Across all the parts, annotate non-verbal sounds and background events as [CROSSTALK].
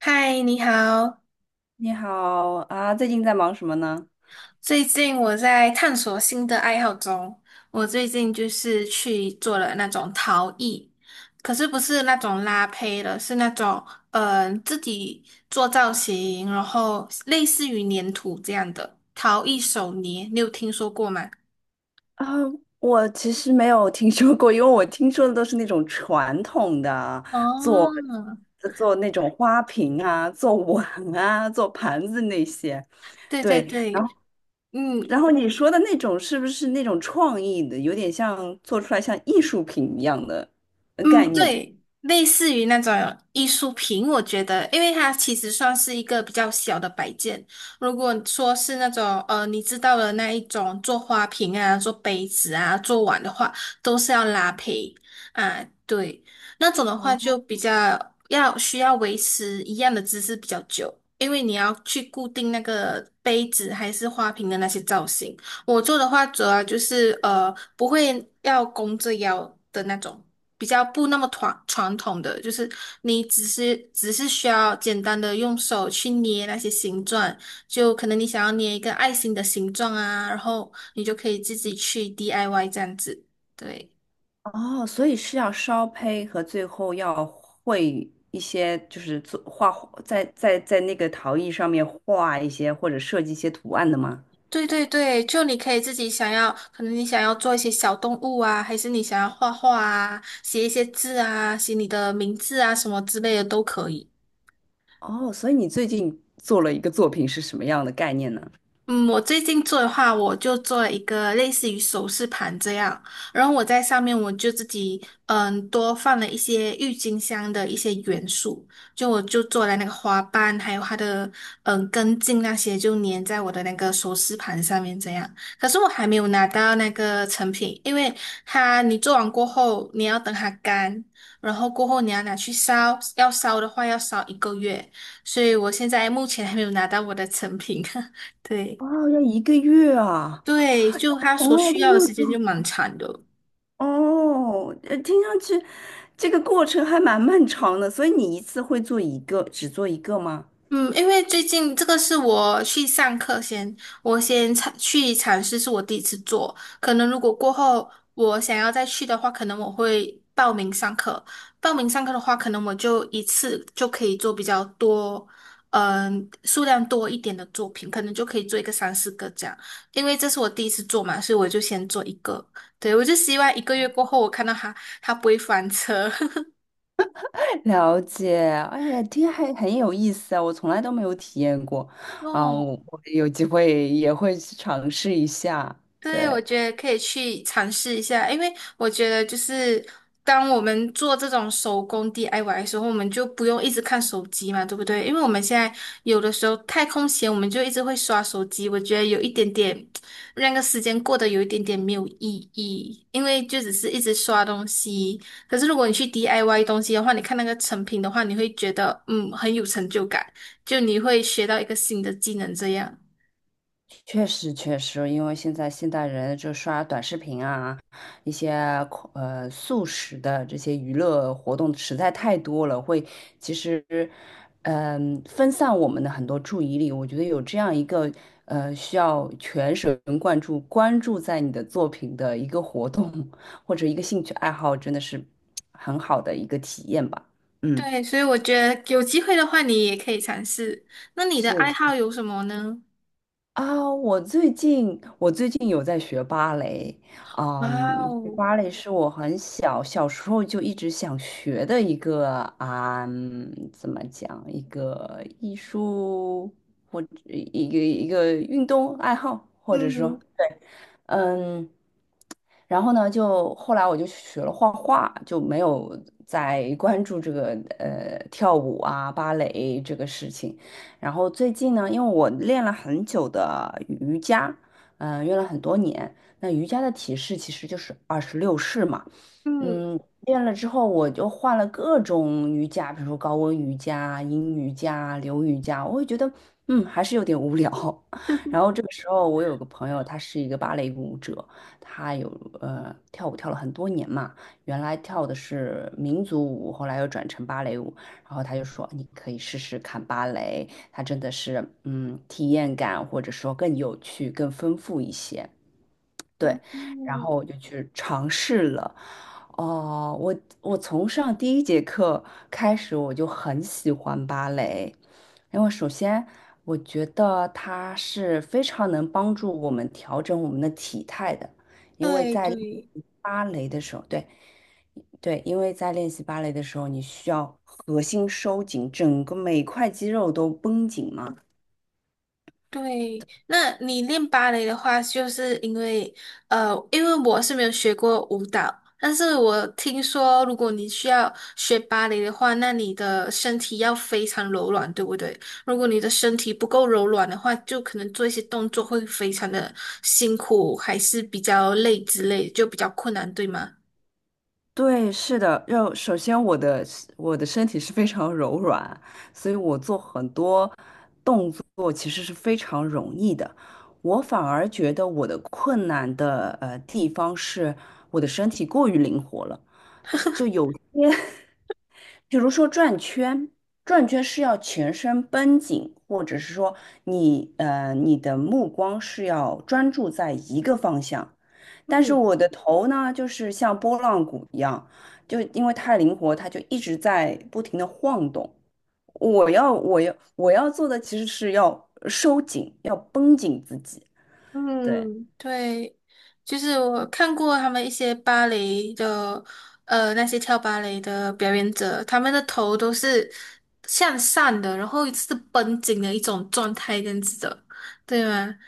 嗨，你好。你好啊，最近在忙什么呢？最近我在探索新的爱好中，我最近就是去做了那种陶艺，可是不是那种拉胚的，是那种自己做造型，然后类似于粘土这样的陶艺手捏，你有听说过吗？啊，我其实没有听说过，因为我听说的都是那种传统的，做哦，做那种花瓶啊，做碗啊，做盘子那些。对对对，然后对，嗯，你说的那种是不是那种创意的，有点像做出来像艺术品一样的嗯，概念的？对，类似于那种艺术品，我觉得，因为它其实算是一个比较小的摆件。如果说是那种你知道的那一种做花瓶啊、做杯子啊、做碗的话，都是要拉胚啊，对，那种的话就比较要需要维持一样的姿势比较久，因为你要去固定那个杯子还是花瓶的那些造型。我做的话，主要就是不会要弓着腰的那种，比较不那么传统的，就是你只是需要简单的用手去捏那些形状，就可能你想要捏一个爱心的形状啊，然后你就可以自己去 DIY 这样子。对，哦，所以是要烧胚和最后要绘一些，就是做画，在那个陶艺上面画一些或者设计一些图案的吗？对对对，就你可以自己想要，可能你想要做一些小动物啊，还是你想要画画啊，写一些字啊，写你的名字啊什么之类的都可以。哦，所以你最近做了一个作品是什么样的概念呢？嗯，我最近做的话，我就做了一个类似于首饰盘这样，然后我在上面我就自己多放了一些郁金香的一些元素，就我就做了那个花瓣，还有它的根茎那些，就粘在我的那个首饰盘上面这样。可是我还没有拿到那个成品，因为它你做完过后，你要等它干，然后过后你要拿去烧，要烧的话要烧一个月，所以我现在目前还没有拿到我的成品。[LAUGHS] 对。哦，要一个月啊！对，就他从所来需都要没的有时间就做。蛮长的。哦，听上去这个过程还蛮漫长的，所以你一次会做一个，只做一个吗？嗯，因为最近这个是我去上课先，我先去尝试，是我第一次做。可能如果过后我想要再去的话，可能我会报名上课。报名上课的话，可能我就一次就可以做比较多，数量多一点的作品，可能就可以做一个三四个这样。因为这是我第一次做嘛，所以我就先做一个。对，我就希望一个月过后，我看到它它不会翻车。[LAUGHS] 了解，哎，听还很有意思啊，我从来都没有体验过，嗯，哦。我有机会也会去尝试一下，对，我对，觉得可以去尝试一下，因为我觉得就是当我们做这种手工 DIY 的时候，我们就不用一直看手机嘛，对不对？因为我们现在有的时候太空闲，我们就一直会刷手机，我觉得有一点点那个时间过得有一点点没有意义，因为就只是一直刷东西。可是如果你去 DIY 东西的话，你看那个成品的话，你会觉得很有成就感，就你会学到一个新的技能这样。确实，确实，因为现在现代人就刷短视频啊，一些速食的这些娱乐活动实在太多了，会其实分散我们的很多注意力。我觉得有这样一个需要全神贯注关注在你的作品的一个活动或者一个兴趣爱好，真的是很好的一个体验吧。嗯，对，所以我觉得有机会的话，你也可以尝试。那你的是爱好有什么呢？啊，我最近有在学芭蕾，哇嗯，学哦，芭蕾是我很小小时候就一直想学的一个啊，怎么讲，一个艺术或者一个运动爱好，或者说，嗯嗯，然后呢，就后来我就学了画画，就没有再关注这个跳舞啊、芭蕾这个事情。然后最近呢，因为我练了很久的瑜伽，练了很多年。那瑜伽的体式其实就是26式嘛，嗯练了之后我就换了各种瑜伽，比如说高温瑜伽、阴瑜伽、流瑜伽，我会觉得还是有点无聊。嗯 然后 [LAUGHS] 这个时候，我有个朋友，他是一个芭蕾舞者，他有跳舞跳了很多年嘛，原来跳的是民族舞，后来又转成芭蕾舞，然后他就说你可以试试看芭蕾，它真的是体验感或者说更有趣、更丰富一些。对，然嗯，后我就去尝试了。哦，我从上第一节课开始，我就很喜欢芭蕾，因为首先我觉得它是非常能帮助我们调整我们的体态的，因为对在练对。习芭蕾的时候，对对，因为在练习芭蕾的时候，你需要核心收紧，整个每块肌肉都绷紧嘛。对，那你练芭蕾的话，就是因为我是没有学过舞蹈，但是我听说，如果你需要学芭蕾的话，那你的身体要非常柔软，对不对？如果你的身体不够柔软的话，就可能做一些动作会非常的辛苦，还是比较累之类，就比较困难，对吗？对，是的，要首先我的身体是非常柔软，所以我做很多动作其实是非常容易的。我反而觉得我的困难的地方是我的身体过于灵活了，因为比如说转圈，转圈是要全身绷紧，或者是说你的目光是要专注在一个方向。但是我的头呢，就是像拨浪鼓一样，就因为太灵活，它就一直在不停的晃动。我要做的其实是要收紧，要绷紧自己。对，嗯，对，就是我看过他们一些芭蕾的，那些跳芭蕾的表演者，他们的头都是向上的，然后是绷紧的一种状态，这样子的，对吗？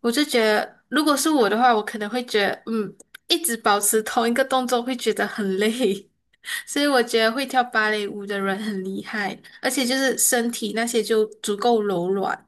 我就觉得，如果是我的话，我可能会觉得，一直保持同一个动作会觉得很累，[LAUGHS] 所以我觉得会跳芭蕾舞的人很厉害，而且就是身体那些就足够柔软。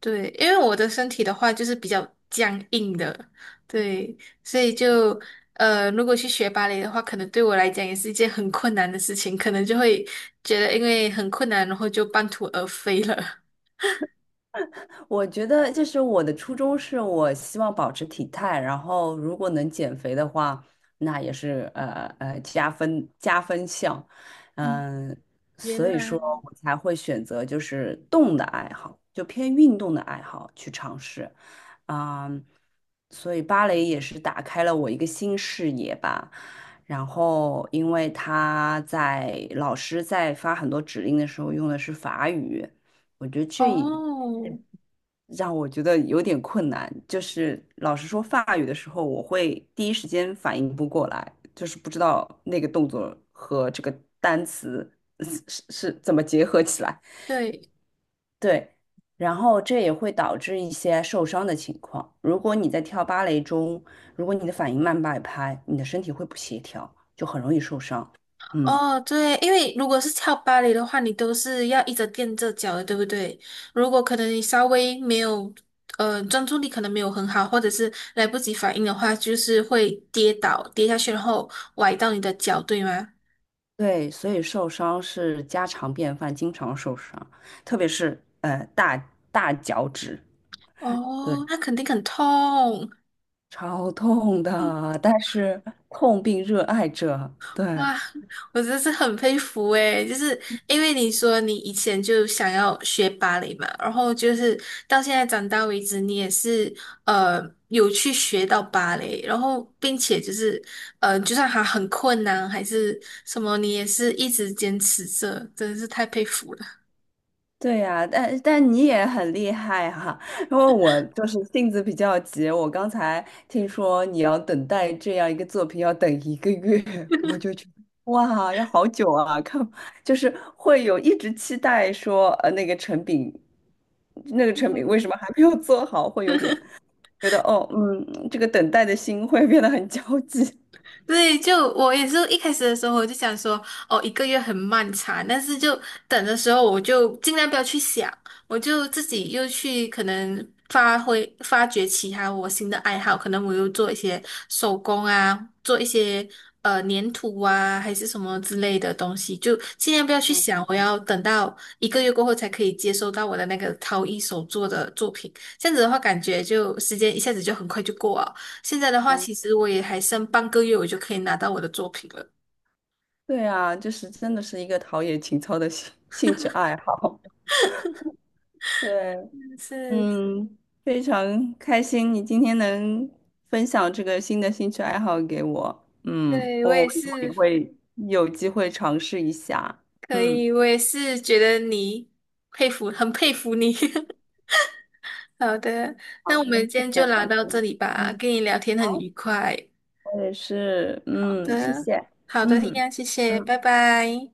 对，因为我的身体的话就是比较僵硬的，对，所以就如果去学芭蕾的话，可能对我来讲也是一件很困难的事情，可能就会觉得因为很困难，然后就半途而废了。我觉得就是我的初衷是我希望保持体态，然后如果能减肥的话，那也是加分项。嗯，嗯，原所以说来我才会选择就是动的爱好，就偏运动的爱好去尝试。啊，所以芭蕾也是打开了我一个新视野吧。然后，因为老师在发很多指令的时候用的是法语，我觉得哦，让我觉得有点困难。就是老师说法语的时候，我会第一时间反应不过来，就是不知道那个动作和这个单词 [LAUGHS] 是怎么结合起来。对，对，然后这也会导致一些受伤的情况。如果你在跳芭蕾中，如果你的反应慢半拍，你的身体会不协调，就很容易受伤。嗯，哦，对，因为如果是跳芭蕾的话，你都是要一直垫着脚的，对不对？如果可能你稍微没有，专注力可能没有很好，或者是来不及反应的话，就是会跌倒，跌下去，然后崴到你的脚，对吗？对，所以受伤是家常便饭，经常受伤，特别是大脚趾，对，哦，那肯定很痛。超痛的。但是痛并热爱着，对，哇，我真是很佩服诶，就是因为你说你以前就想要学芭蕾嘛，然后就是到现在长大为止，你也是呃有去学到芭蕾，然后并且就是就算还很困难还是什么，你也是一直坚持着，真的是太佩服了。对呀，但你也很厉害哈，因为我就是性子比较急，我刚才听说你要等待这样一个作品要等一个月，[LAUGHS] 我就觉得哇，要好久啊！看，就是会有一直期待说，那个成品，那个成品嗯为什么还没有做好，会有点觉得哦，这个等待的心会变得很焦急。对，就我也是一开始的时候，我就想说，哦，一个月很漫长，但是就等的时候，我就尽量不要去想，我就自己又去可能发挥发掘其他我新的爱好，可能我又做一些手工啊，做一些粘土啊，还是什么之类的东西，就尽量不要去想，我要等到一个月过后才可以接收到我的那个陶艺手作的作品，这样子的话，感觉就时间一下子就很快就过了。现在的 [LAUGHS] 话，嗯其实我也还剩半个月，我就可以拿到我的作品了。对啊，就是真的是一个陶冶情操的兴趣爱好。对。是，嗯，非常开心你今天能分享这个新的兴趣爱好给我。嗯，对，我我也以后也是会有机会尝试一下。可嗯，以，我也是觉得你佩服，很佩服你。[LAUGHS] 好的。那好，我们今这天就个聊小到这心。里吧，嗯，跟你聊天很好，愉快。我也是。好嗯，谢的，谢。好的，一嗯样，谢谢，嗯。拜拜。